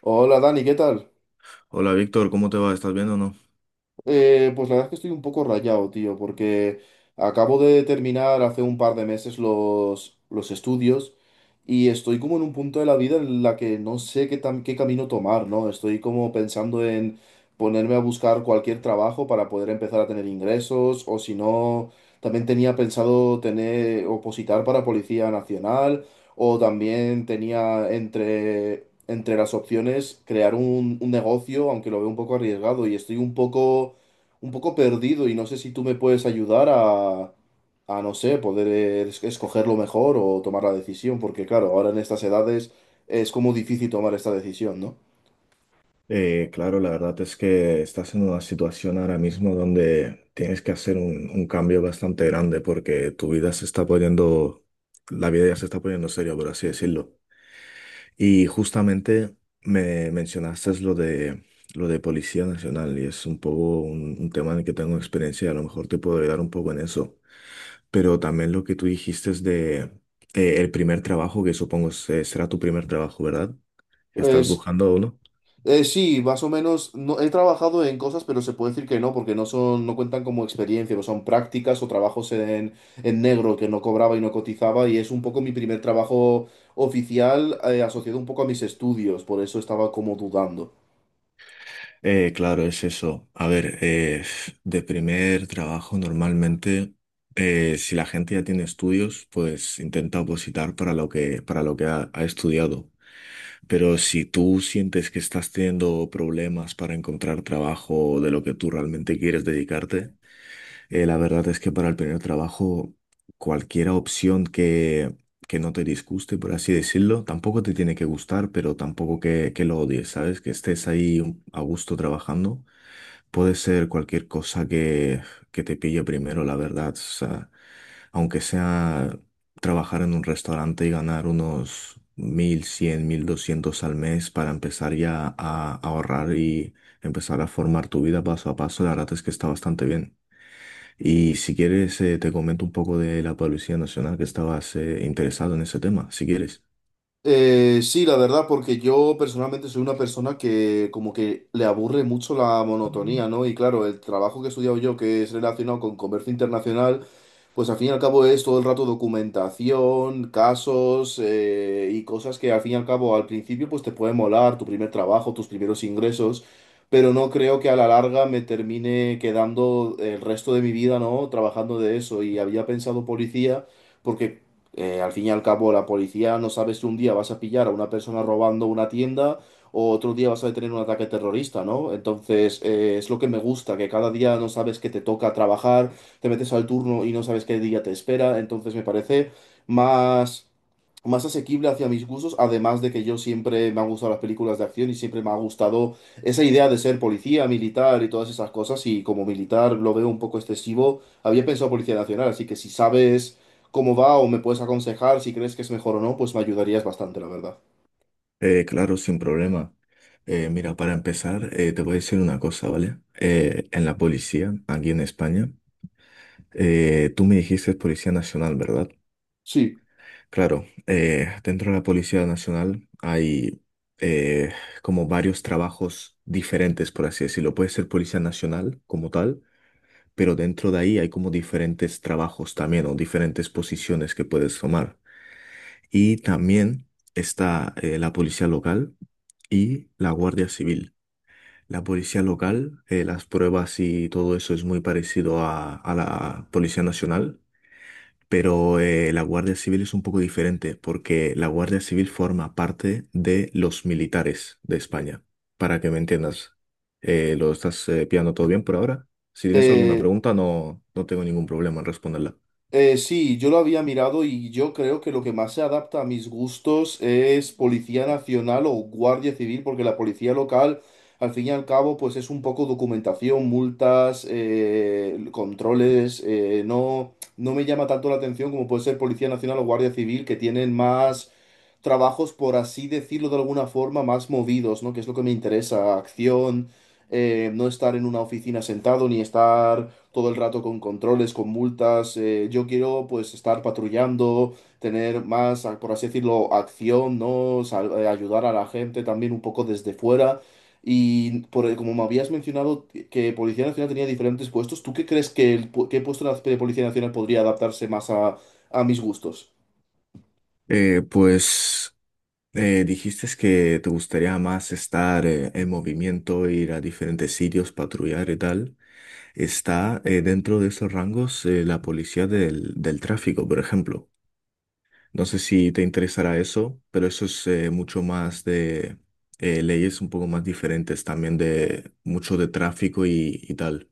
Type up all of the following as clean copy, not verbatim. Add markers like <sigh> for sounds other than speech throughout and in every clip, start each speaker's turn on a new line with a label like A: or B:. A: Hola Dani, ¿qué tal?
B: Hola Víctor, ¿cómo te va? ¿Estás bien o no?
A: Pues la verdad es que estoy un poco rayado, tío, porque acabo de terminar hace un par de meses los estudios y estoy como en un punto de la vida en la que no sé qué, qué camino tomar, ¿no? Estoy como pensando en ponerme a buscar cualquier trabajo para poder empezar a tener ingresos o si no, también tenía pensado tener, opositar para Policía Nacional o también tenía entre... Entre las opciones, crear un negocio, aunque lo veo un poco arriesgado y estoy un poco perdido y no sé si tú me puedes ayudar a no sé, poder escoger lo mejor o tomar la decisión, porque claro, ahora en estas edades es como difícil tomar esta decisión, ¿no?
B: Claro, la verdad es que estás en una situación ahora mismo donde tienes que hacer un cambio bastante grande porque tu vida se está poniendo, la vida ya se está poniendo seria, por así decirlo. Y justamente me mencionaste lo de Policía Nacional y es un poco un tema en el que tengo experiencia y a lo mejor te puedo ayudar un poco en eso. Pero también lo que tú dijiste es de el primer trabajo, que supongo será tu primer trabajo, ¿verdad? Estás
A: Pues
B: buscando uno.
A: sí, más o menos no, he trabajado en cosas, pero se puede decir que no, porque no son, no cuentan como experiencia, no son prácticas o trabajos en negro que no cobraba y no cotizaba, y es un poco mi primer trabajo oficial asociado un poco a mis estudios, por eso estaba como dudando.
B: Claro, es eso. A ver, de primer trabajo normalmente, si la gente ya tiene estudios, pues intenta opositar para lo que ha estudiado. Pero si tú sientes que estás teniendo problemas para encontrar trabajo de lo que tú realmente quieres dedicarte, la verdad es que para el primer trabajo, cualquier opción que no te disguste, por así decirlo, tampoco te tiene que gustar, pero tampoco que lo odies, ¿sabes? Que estés ahí a gusto trabajando. Puede ser cualquier cosa que te pille primero, la verdad. O sea, aunque sea trabajar en un restaurante y ganar unos mil cien mil doscientos al mes para empezar ya a ahorrar y empezar a formar tu vida paso a paso, la verdad es que está bastante bien. Y si quieres, te comento un poco de la Policía Nacional que estabas interesado en ese tema, si quieres.
A: Sí, la verdad, porque yo personalmente soy una persona que como que le aburre mucho la monotonía, ¿no? Y claro, el trabajo que he estudiado yo, que es relacionado con comercio internacional, pues al fin y al cabo es todo el rato documentación, casos y cosas que al fin y al cabo al principio pues te puede molar, tu primer trabajo, tus primeros ingresos, pero no creo que a la larga me termine quedando el resto de mi vida, ¿no? Trabajando de eso y había pensado policía porque al fin y al cabo, la policía no sabe si un día vas a pillar a una persona robando una tienda o otro día vas a tener un ataque terrorista, ¿no? Entonces, es lo que me gusta, que cada día no sabes que te toca trabajar, te metes al turno y no sabes qué día te espera, entonces me parece más, más asequible hacia mis gustos, además de que yo siempre me han gustado las películas de acción y siempre me ha gustado esa idea de ser policía, militar y todas esas cosas, y como militar lo veo un poco excesivo, había pensado Policía Nacional, así que si sabes cómo va o me puedes aconsejar si crees que es mejor o no, pues me ayudarías bastante, la verdad.
B: Claro, sin problema. Mira, para empezar, te voy a decir una cosa, ¿vale? En la policía, aquí en España, tú me dijiste Policía Nacional, ¿verdad?
A: Sí,
B: Claro, dentro de la Policía Nacional hay eh, como varios trabajos diferentes, por así decirlo. Puede ser Policía Nacional como tal, pero dentro de ahí hay como diferentes trabajos también o diferentes posiciones que puedes tomar. Y también está la Policía Local y la Guardia Civil. La policía local, las pruebas y todo eso es muy parecido a la Policía Nacional, pero la Guardia Civil es un poco diferente porque la Guardia Civil forma parte de los militares de España. Para que me entiendas. ¿Lo estás pillando todo bien por ahora? Si tienes alguna
A: eh,
B: pregunta, no, no tengo ningún problema en responderla.
A: sí, yo lo había mirado y yo creo que lo que más se adapta a mis gustos es Policía Nacional o Guardia Civil, porque la policía local, al fin y al cabo, pues es un poco documentación, multas, controles, no me llama tanto la atención como puede ser Policía Nacional o Guardia Civil, que tienen más trabajos, por así decirlo de alguna forma, más movidos, ¿no? Que es lo que me interesa, acción, no estar en una oficina sentado, ni estar todo el rato con controles, con multas. Yo quiero, pues, estar patrullando, tener más, por así decirlo, acción, ¿no? Ayudar a la gente también un poco desde fuera. Y por, como me habías mencionado que Policía Nacional tenía diferentes puestos, ¿tú qué crees que el, qué puesto de la Policía Nacional podría adaptarse más a mis gustos?
B: Eh, pues dijiste que te gustaría más estar en movimiento, ir a diferentes sitios, patrullar y tal. Está dentro de esos rangos la policía del tráfico, por ejemplo. No sé si te interesará eso, pero eso es mucho más de leyes un poco más diferentes, también de mucho de tráfico y tal.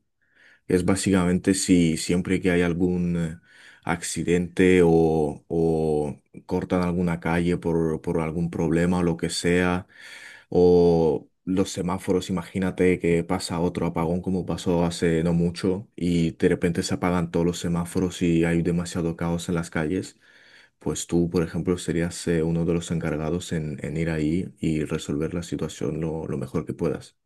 B: Es básicamente si siempre que hay algún accidente o cortan alguna calle por algún problema o lo que sea, o los semáforos, imagínate que pasa otro apagón como pasó hace no mucho y de repente se apagan todos los semáforos y hay demasiado caos en las calles, pues tú, por ejemplo, serías uno de los encargados en ir ahí y resolver la situación lo mejor que puedas.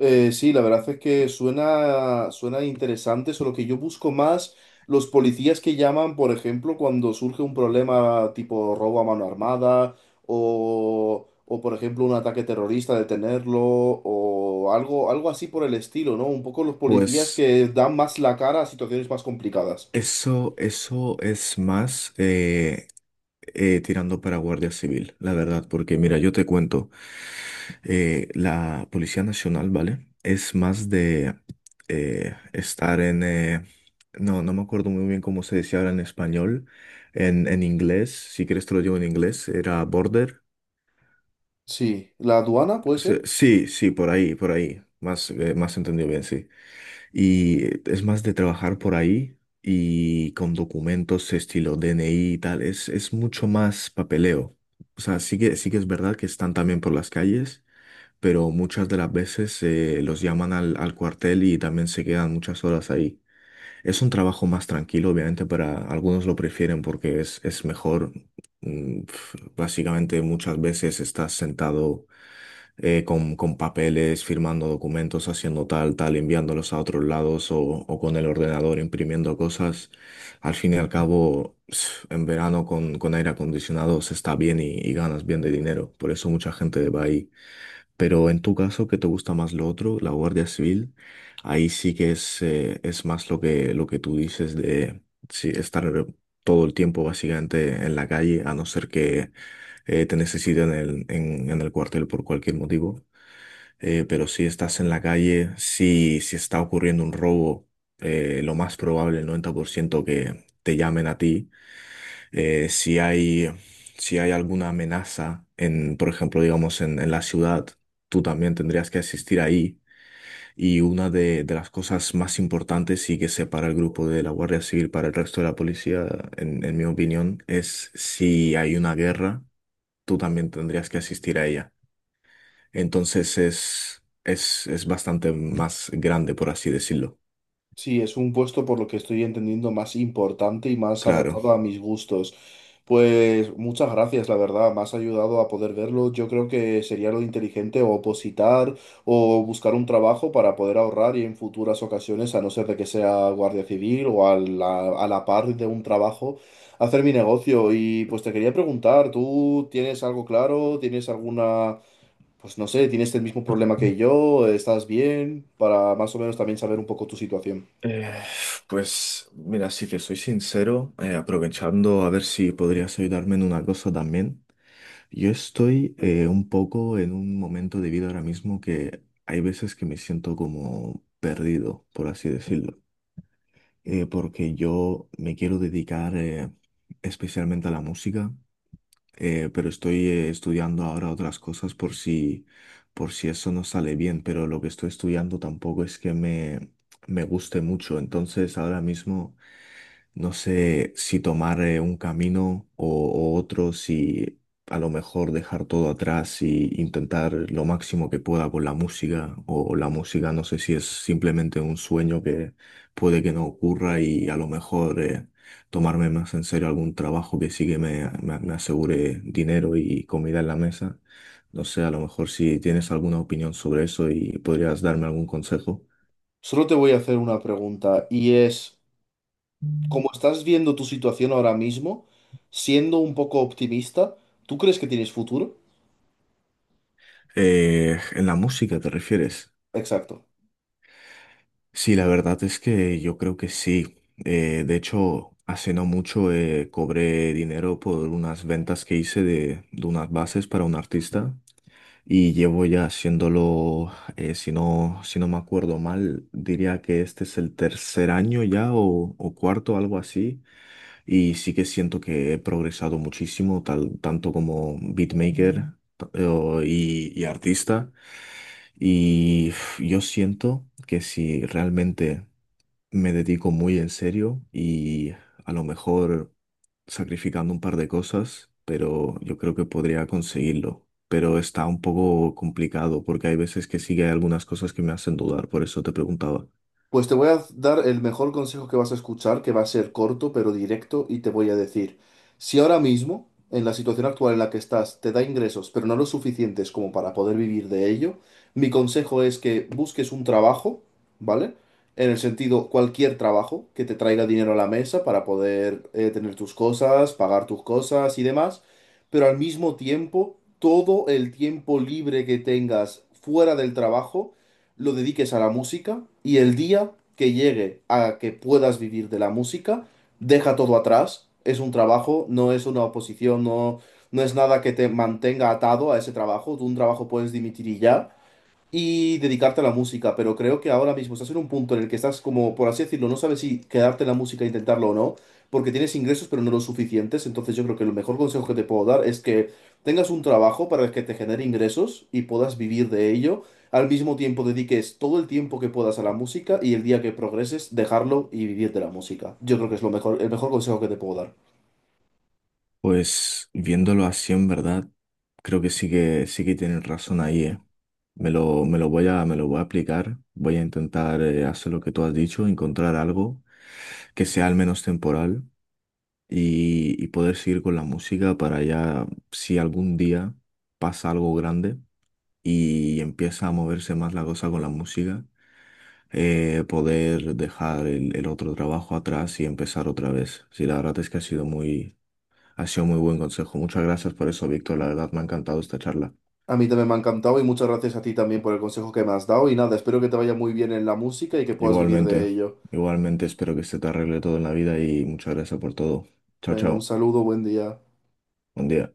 A: Sí, la verdad es que suena interesante, solo que yo busco más los policías que llaman, por ejemplo, cuando surge un problema tipo robo a mano armada o por ejemplo, un ataque terrorista, detenerlo o algo, algo así por el estilo, ¿no? Un poco los policías
B: Pues...
A: que dan más la cara a situaciones más complicadas.
B: Eso es más tirando para Guardia Civil, la verdad, porque mira, yo te cuento, la Policía Nacional, ¿vale? Es más de estar en... no, no me acuerdo muy bien cómo se decía ahora en español, en inglés, si quieres te lo digo en inglés, era border.
A: Sí, ¿la aduana puede
B: Sí,
A: ser?
B: sí, sí, por ahí, más, más entendido bien, sí. Y es más de trabajar por ahí y con documentos estilo DNI y tal, es mucho más papeleo. O sea, sí que es verdad que están también por las calles, pero muchas de las veces los llaman al cuartel y también se quedan muchas horas ahí. Es un trabajo más tranquilo, obviamente, para algunos lo prefieren porque es mejor. Mm, pf, básicamente muchas veces estás sentado con papeles, firmando documentos, haciendo tal, tal, enviándolos a otros lados o con el ordenador imprimiendo cosas. Al fin y al cabo, <sniffs> en verano con aire acondicionado se está bien y ganas bien de dinero. Por eso mucha gente va ahí. Pero en tu caso, ¿qué te gusta más lo otro? La Guardia Civil, ahí sí que es más lo que tú dices de sí, estar todo el tiempo básicamente en la calle, a no ser que te necesiten en el cuartel por cualquier motivo. Pero si estás en la calle, si, si está ocurriendo un robo, lo más probable, el 90% que te llamen a ti si hay, si hay alguna amenaza en, por ejemplo, digamos, en la ciudad, tú también tendrías que asistir ahí. Y una de las cosas más importantes y que separa el grupo de la Guardia Civil para el resto de la policía, en mi opinión, es si hay una guerra, tú también tendrías que asistir a ella. Entonces es bastante más grande, por así decirlo.
A: Sí, es un puesto por lo que estoy entendiendo más importante y más
B: Claro.
A: adaptado a mis gustos. Pues muchas gracias, la verdad, me has ayudado a poder verlo. Yo creo que sería lo inteligente o opositar o buscar un trabajo para poder ahorrar y en futuras ocasiones, a no ser de que sea guardia civil o a la par de un trabajo, hacer mi negocio. Y pues te quería preguntar, ¿tú tienes algo claro? ¿Tienes alguna... Pues no sé, ¿tienes el mismo problema que yo? ¿Estás bien? Para más o menos también saber un poco tu situación.
B: Eh, pues mira, si te soy sincero, aprovechando a ver si podrías ayudarme en una cosa también. Yo estoy un poco en un momento de vida ahora mismo que hay veces que me siento como perdido, por así decirlo. Porque yo me quiero dedicar especialmente a la música, pero estoy estudiando ahora otras cosas por si eso no sale bien, pero lo que estoy estudiando tampoco es que me guste mucho, entonces ahora mismo no sé si tomar un camino o otro, si a lo mejor dejar todo atrás y intentar lo máximo que pueda con la música, o la música no sé si es simplemente un sueño que puede que no ocurra y a lo mejor... tomarme más en serio algún trabajo que sí que me asegure dinero y comida en la mesa. No sé, a lo mejor si tienes alguna opinión sobre eso y podrías darme algún consejo.
A: Solo te voy a hacer una pregunta y es, como estás viendo tu situación ahora mismo, siendo un poco optimista, ¿tú crees que tienes futuro?
B: ¿En la música te refieres?
A: Exacto.
B: Sí, la verdad es que yo creo que sí. De hecho, hace no mucho cobré dinero por unas ventas que hice de unas bases para un artista y llevo ya haciéndolo, si no, si no me acuerdo mal, diría que este es el tercer año ya o cuarto, algo así. Y sí que siento que he progresado muchísimo, tal, tanto como beatmaker y artista. Y uf, yo siento que si realmente me dedico muy en serio y a lo mejor sacrificando un par de cosas, pero yo creo que podría conseguirlo. Pero está un poco complicado porque hay veces que sí que hay algunas cosas que me hacen dudar, por eso te preguntaba.
A: Pues te voy a dar el mejor consejo que vas a escuchar, que va a ser corto pero directo, y te voy a decir, si ahora mismo, en la situación actual en la que estás, te da ingresos, pero no los suficientes como para poder vivir de ello, mi consejo es que busques un trabajo, ¿vale? En el sentido, cualquier trabajo que te traiga dinero a la mesa para poder tener tus cosas, pagar tus cosas y demás, pero al mismo tiempo, todo el tiempo libre que tengas fuera del trabajo, lo dediques a la música y el día que llegue a que puedas vivir de la música, deja todo atrás. Es un trabajo, no es una oposición, no es nada que te mantenga atado a ese trabajo. Tú un trabajo puedes dimitir y ya y dedicarte a la música, pero creo que ahora mismo estás en un punto en el que estás como, por así decirlo, no sabes si quedarte en la música e intentarlo o no, porque tienes ingresos pero no los suficientes, entonces yo creo que el mejor consejo que te puedo dar es que tengas un trabajo para el que te genere ingresos y puedas vivir de ello, al mismo tiempo dediques todo el tiempo que puedas a la música y el día que progreses dejarlo y vivir de la música. Yo creo que es lo mejor, el mejor consejo que te puedo dar.
B: Pues viéndolo así en verdad, creo que sí que tienen razón ahí, ¿eh? Me lo voy a aplicar, voy a intentar hacer lo que tú has dicho, encontrar algo que sea al menos temporal y poder seguir con la música para ya, si algún día pasa algo grande y empieza a moverse más la cosa con la música, poder dejar el otro trabajo atrás y empezar otra vez. Sí, la verdad es que ha sido muy buen consejo. Muchas gracias por eso, Víctor. La verdad me ha encantado esta charla.
A: A mí también me ha encantado y muchas gracias a ti también por el consejo que me has dado y nada, espero que te vaya muy bien en la música y que puedas vivir de
B: Igualmente,
A: ello.
B: igualmente espero que se te arregle todo en la vida y muchas gracias por todo. Chao,
A: Venga, un
B: chao.
A: saludo, buen día.
B: Buen día.